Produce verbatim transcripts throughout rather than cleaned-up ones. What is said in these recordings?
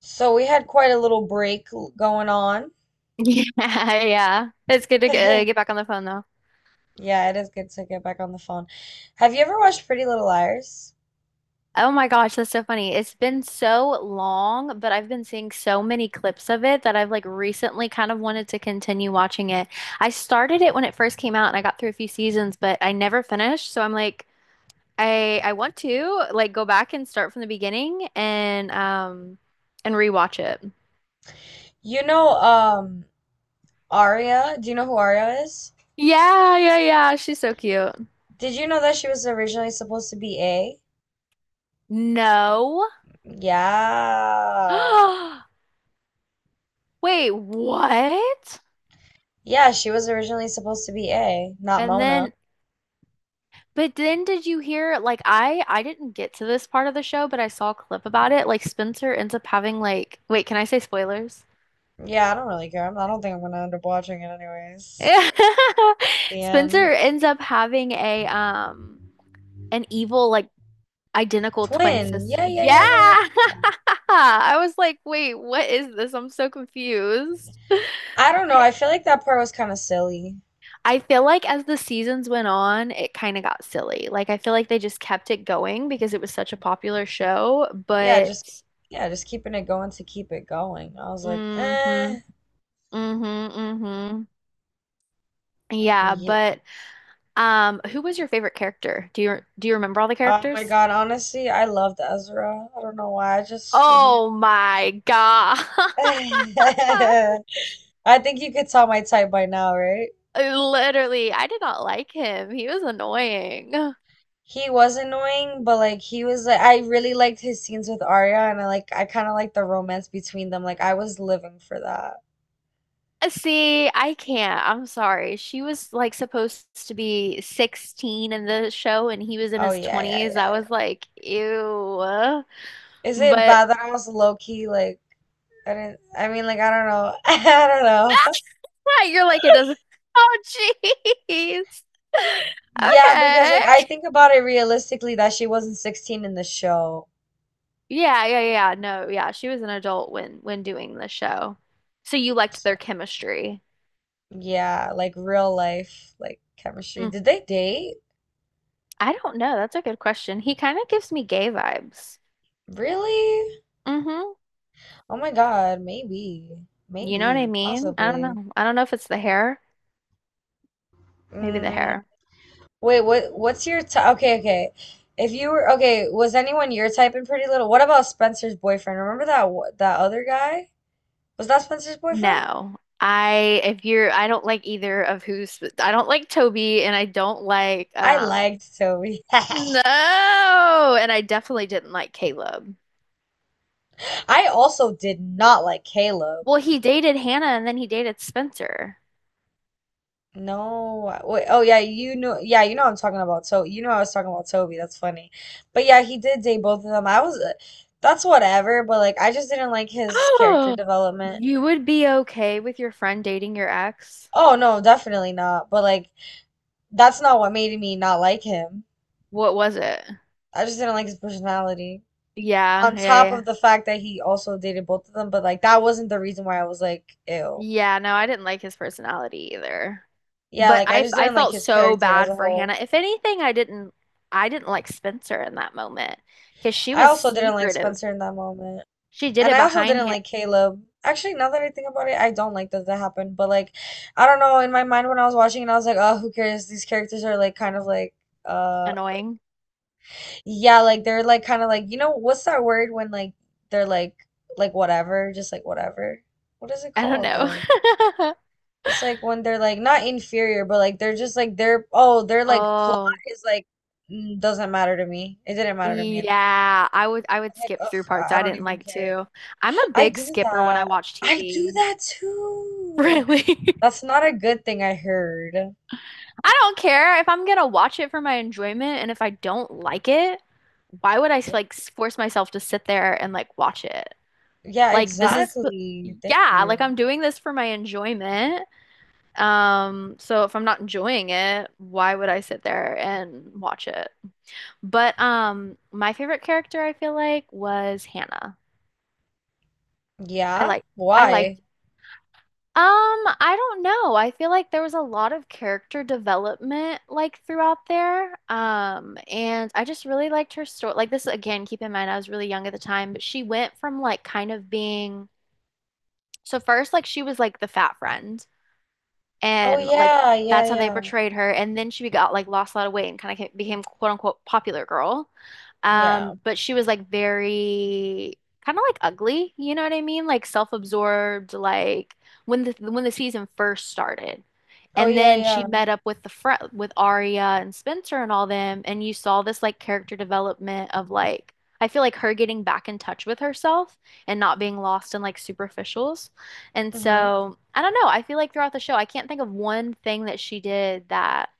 So we had quite a little break going on. Yeah, yeah. It's good to get, uh, get back on the phone though. Yeah, it is good to get back on the phone. Have you ever watched Pretty Little Liars? Oh my gosh, that's so funny. It's been so long, but I've been seeing so many clips of it that I've like recently kind of wanted to continue watching it. I started it when it first came out and I got through a few seasons, but I never finished, so I'm like I I want to like go back and start from the beginning and um and rewatch it. You know, um, Aria. Do you know who Aria is? Yeah, yeah, yeah. She's so cute. Did you know that she was originally supposed to be A? No. Yeah. Wait, what? Yeah, she was originally supposed to be A, not And Mona. then but then did you hear like I I didn't get to this part of the show, but I saw a clip about it. Like Spencer ends up having like wait, can I say spoilers? Yeah, I don't really care. I'm- I don't think I'm gonna end up watching it anyways. The Spencer end. ends up having a um an evil like identical twin Twin. sister. Yeah, yeah, Yeah. yeah, yeah, yeah. I was like, "Wait, what is this? I'm so confused." I don't know. I feel like that part was kind of silly. I feel like as the seasons went on, it kind of got silly. Like I feel like they just kept it going because it was such a popular show, Yeah, but just yeah, just keeping it going to keep it going. I was like, hmm. Mm-hmm, eh. mm-hmm. Yeah, Ye- but um, who was your favorite character? Do you do you remember all the Oh my characters? God, honestly, I loved Ezra. I don't know why. I just he. Oh my God. I think you could tell my type by now, right? Literally, I did not like him. He was annoying. Uh, He was annoying, but like he was like I really liked his scenes with Arya, and I like I kind of like the romance between them. Like I was living for that. See, I can't. I'm sorry. She was like supposed to be sixteen in the show and he was in Oh his yeah, yeah, yeah, twenties. I yeah. was like, ew. Is it But bad that I was low key like I didn't? I mean, like I don't know. I don't know. you're like, it doesn't. Oh, jeez. Yeah, because Okay. like I think about it realistically that she wasn't sixteen in the show. Yeah, yeah, yeah. No, yeah, she was an adult when when doing the show. So you liked So, their chemistry. yeah, like real life, like chemistry. Mm, Did they date? I don't know. That's a good question. He kind of gives me gay vibes. Really? Mm-hmm. Oh my God, maybe. You know what I Maybe, mean? I don't possibly. know. I don't know if it's the hair. Maybe the Mm, hair. Wait, what what's your type? Okay, okay. If you were okay, was anyone your type in Pretty Little? What about Spencer's boyfriend? Remember that wh- that other guy? Was that Spencer's boyfriend? No. I if you're I don't like either of who's I don't like Toby and I don't like I um liked Toby. no. And I definitely didn't like Caleb. I also did not like Caleb. Well, he dated Hannah and then he dated Spencer. No, wait, oh yeah, you know, yeah, you know what I'm talking about. So you know I was talking about Toby. That's funny, but yeah, he did date both of them. I was, uh, that's whatever. But like, I just didn't like his character Oh, development. you would be okay with your friend dating your ex? Oh no, definitely not. But like, that's not what made me not like him. What was it? I just didn't like his personality. Yeah, On yeah, top yeah. of the fact that he also dated both of them, but like that wasn't the reason why I was like, ew, Yeah, no, you I know? didn't like his personality either. Yeah, But like I I just I didn't like felt his so character as bad a for Hannah. whole. If anything, I didn't I didn't like Spencer in that moment because she I was also didn't like secretive. Spencer in that moment. She did And it I also behind didn't Han like Caleb. Actually, now that I think about it, I don't like that that happened. But like, I don't know. In my mind, when I was watching it, I was like, oh, who cares? These characters are like kind of like, uh, annoying. yeah, like they're like kind of like you know what's that word when like they're like like whatever, just like whatever. What is it I don't called know. though? It's like when they're like not inferior, but like they're just like they're oh they're like plot Oh, is like mm, doesn't matter to me. It didn't matter to me, and I yeah. I would I was would like, skip through ugh, parts I I I don't didn't even like care. too. I'm a I big do skipper when I that. watch I do T V. that too. Really? That's not a good thing I heard. I don't care if I'm gonna watch it for my enjoyment, and if I don't like it, why would I Yeah. like force myself to sit there and like watch it? Yeah, Like this is, exactly. Thank yeah, like you. I'm doing this for my enjoyment. Um, so if I'm not enjoying it, why would I sit there and watch it? But um, my favorite character I feel like was Hannah. I Yeah? like I Why? liked Um, I don't know. I feel like there was a lot of character development like throughout there. Um, and I just really liked her story. Like this again, keep in mind I was really young at the time, but she went from like kind of being so first like she was like the fat friend Oh and like yeah, yeah, that's how they yeah. portrayed her. And then she got like lost a lot of weight and kind of became quote unquote popular girl. Yeah. Um, but she was like very kind of like ugly, you know what I mean? Like self-absorbed, like when the when the season first started. Oh And yeah, then she yeah. met up with the fr with Arya and Spencer and all them, and you saw this like character development of like I feel like her getting back in touch with herself and not being lost in like superficials. And Mm-hmm. so I don't know. I feel like throughout the show, I can't think of one thing that she did that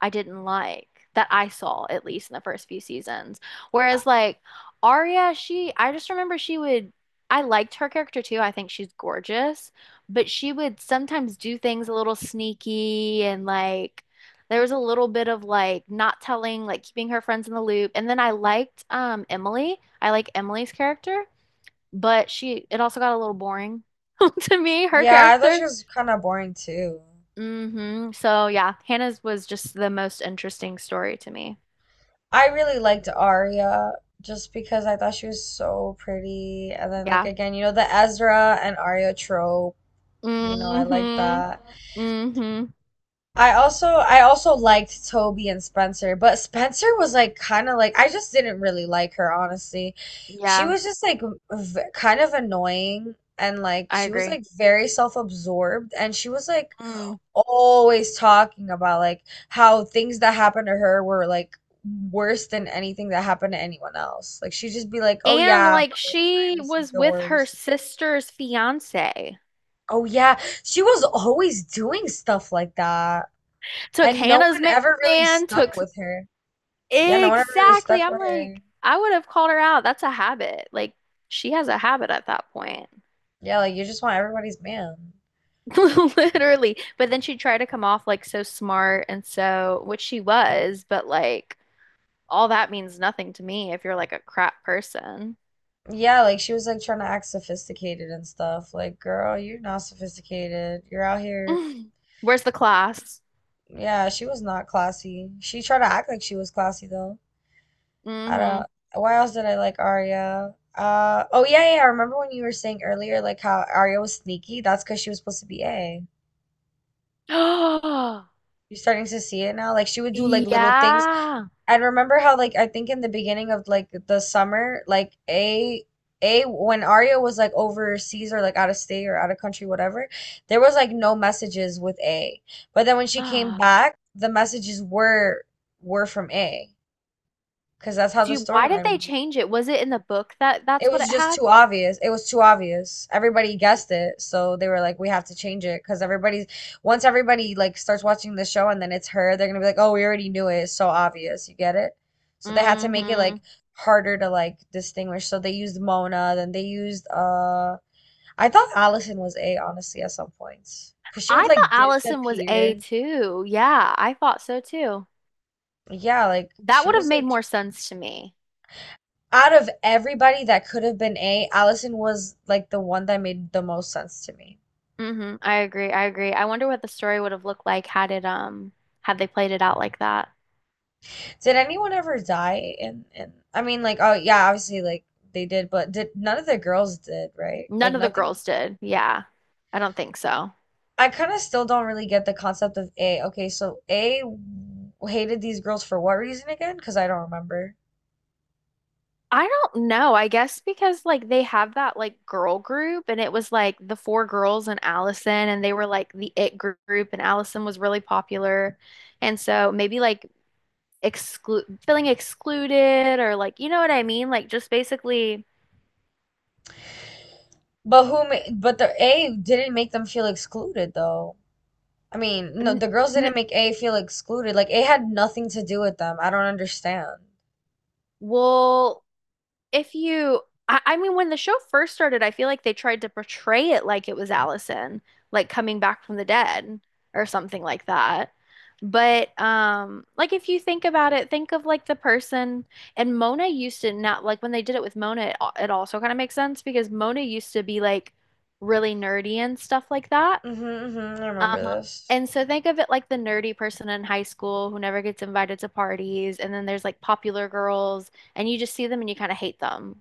I didn't like, that I saw at least in the first few seasons. Whereas like Arya, she, I just remember she would, I liked her character too. I think she's gorgeous, but she would sometimes do things a little sneaky and like there was a little bit of like not telling, like keeping her friends in the loop. And then I liked um Emily. I like Emily's character but she it also got a little boring to me, her Yeah, I thought character. she was kind of boring too. Hmm. So yeah, Hannah's was just the most interesting story to me. I really liked Arya just because I thought she was so pretty. And then like Yeah. again, you know, the Ezra and Arya trope, you know, I like Hmm. that. Hmm. I also I also liked Toby and Spencer, but Spencer was like kind of like I just didn't really like her, honestly. She Yeah, was just like v kind of annoying and like I she was agree. like very self-absorbed and she was like Mm. always talking about like how things that happened to her were like worse than anything that happened to anyone else. Like she'd just be like, "Oh And yeah, like but like I she received was the with her worst." sister's fiance. Oh yeah, she was always doing stuff like that. Took And no Hannah's one ma- ever really man, stuck took with her. Yeah, no one ever really exactly. stuck I'm with her. like, I would have called her out. That's a habit. Like she has a habit at that point. Yeah, like you just want everybody's man. Literally. But then she tried to come off like so smart and so, which she was, but like all that means nothing to me if you're like a crap person. Yeah, like she was like trying to act sophisticated and stuff. Like, girl, you're not sophisticated. You're out here. Mm. Where's the class? Yeah, she was not classy. She tried to act like she was classy though. I Mm-hmm. don't. Why else did I like Arya? Uh, oh yeah, yeah. I remember when you were saying earlier like how Arya was sneaky. That's because she was supposed to be A. Oh, You're starting to see it now. Like she would do like little things. yeah. And remember how like I think in the beginning of like the summer, like a a when Arya was like overseas or like out of state or out of country, whatever, there was like no messages with A. But then when she came Ah. back, the messages were were from A, because that's how the Do you, why did storyline they was. change it? Was it in the book that It that's what was it just had? too obvious. It was too obvious. Everybody guessed it, so they were like, "We have to change it," because everybody's once everybody like starts watching the show and then it's her, they're gonna be like, "Oh, we already knew it. It's so obvious." You get it? So they had to make it Mm-hmm. like harder to like distinguish. So they used Mona, then they used uh, I thought Allison was A honestly at some points, because she would I thought like Allison was A disappear. two. Yeah, I thought so too. Yeah, like That she would have was made like more sense to me. out of everybody that could have been A, Allison was like the one that made the most sense to me. Hmm. I agree. I agree. I wonder what the story would have looked like had it um had they played it out like that. Did anyone ever die in in I mean like oh yeah, obviously like they did, but did none of the girls did, right? None Like of the nothing girls did. Yeah. I don't think so. I kind of still don't really get the concept of A. Okay, so A hated these girls for what reason again? Because I don't remember. I don't know. I guess because like they have that like girl group and it was like the four girls and Allison and they were like the it gr- group and Allison was really popular. And so maybe like exclude feeling excluded or like you know what I mean? Like just basically But who ma- but the A didn't make them feel excluded though. I mean, n no, the girls n didn't make A feel excluded. Like A had nothing to do with them. I don't understand. well if you I, I mean when the show first started I feel like they tried to portray it like it was allison like coming back from the dead or something like that but um like if you think about it think of like the person and mona used to not like when they did it with mona it, al- it also kind of makes sense because mona used to be like really nerdy and stuff like that Mm-hmm, mm-hmm, I remember um this. and so think of it like the nerdy person in high school who never gets invited to parties and then there's like popular girls and you just see them and you kind of hate them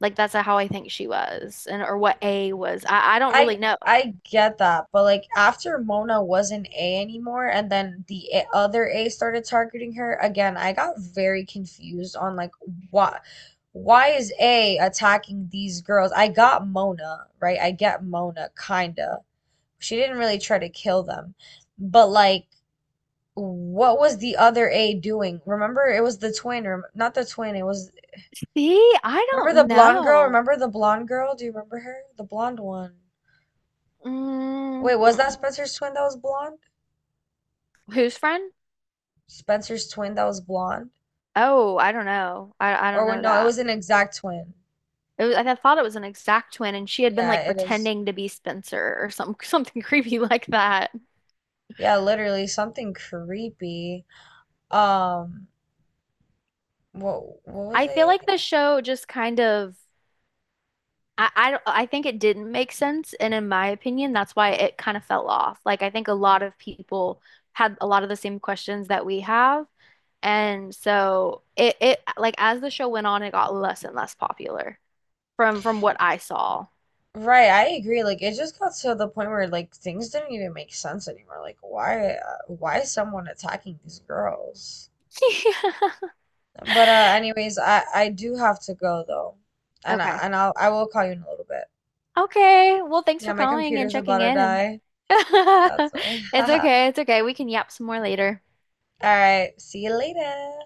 like that's how I think she was, and or what A was. I, I don't really I know. I get that, but like after Mona wasn't A anymore and then the a- other A started targeting her again, I got very confused on like why why is A attacking these girls? I got Mona, right? I get Mona kinda. She didn't really try to kill them. But like what was the other A doing? Remember it was the twin or not the twin, it was See, I remember the don't blonde girl? know. Remember the blonde girl? Do you remember her? The blonde one. Mm, Wait, was that mm. Spencer's twin that was blonde? Whose friend? Spencer's twin that was blonde. Oh, I don't know. I I Or don't when, know no, it that. was an exact twin. It was, I thought it was an exact twin, and she had been Yeah, like it is. pretending to be Spencer or some something creepy like that. Yeah, literally something creepy. Um, what what was I feel I like gonna- the show just kind of. I, I, don't- I think it didn't make sense, and in my opinion, that's why it kind of fell off. Like I think a lot of people had a lot of the same questions that we have, and so it it like as the show went on, it got less and less popular from from what I saw. Right, I agree. Like it just got to the point where like things didn't even make sense anymore. Like why uh, why is someone attacking these girls? But uh anyways, I I do have to go though. And I, Okay. and I'll I will call you in a little bit. Okay. Well, thanks Yeah, for my calling and computer's about checking to in and die. That's why. it's okay. It's okay. We can yap some more later. All right, see you later.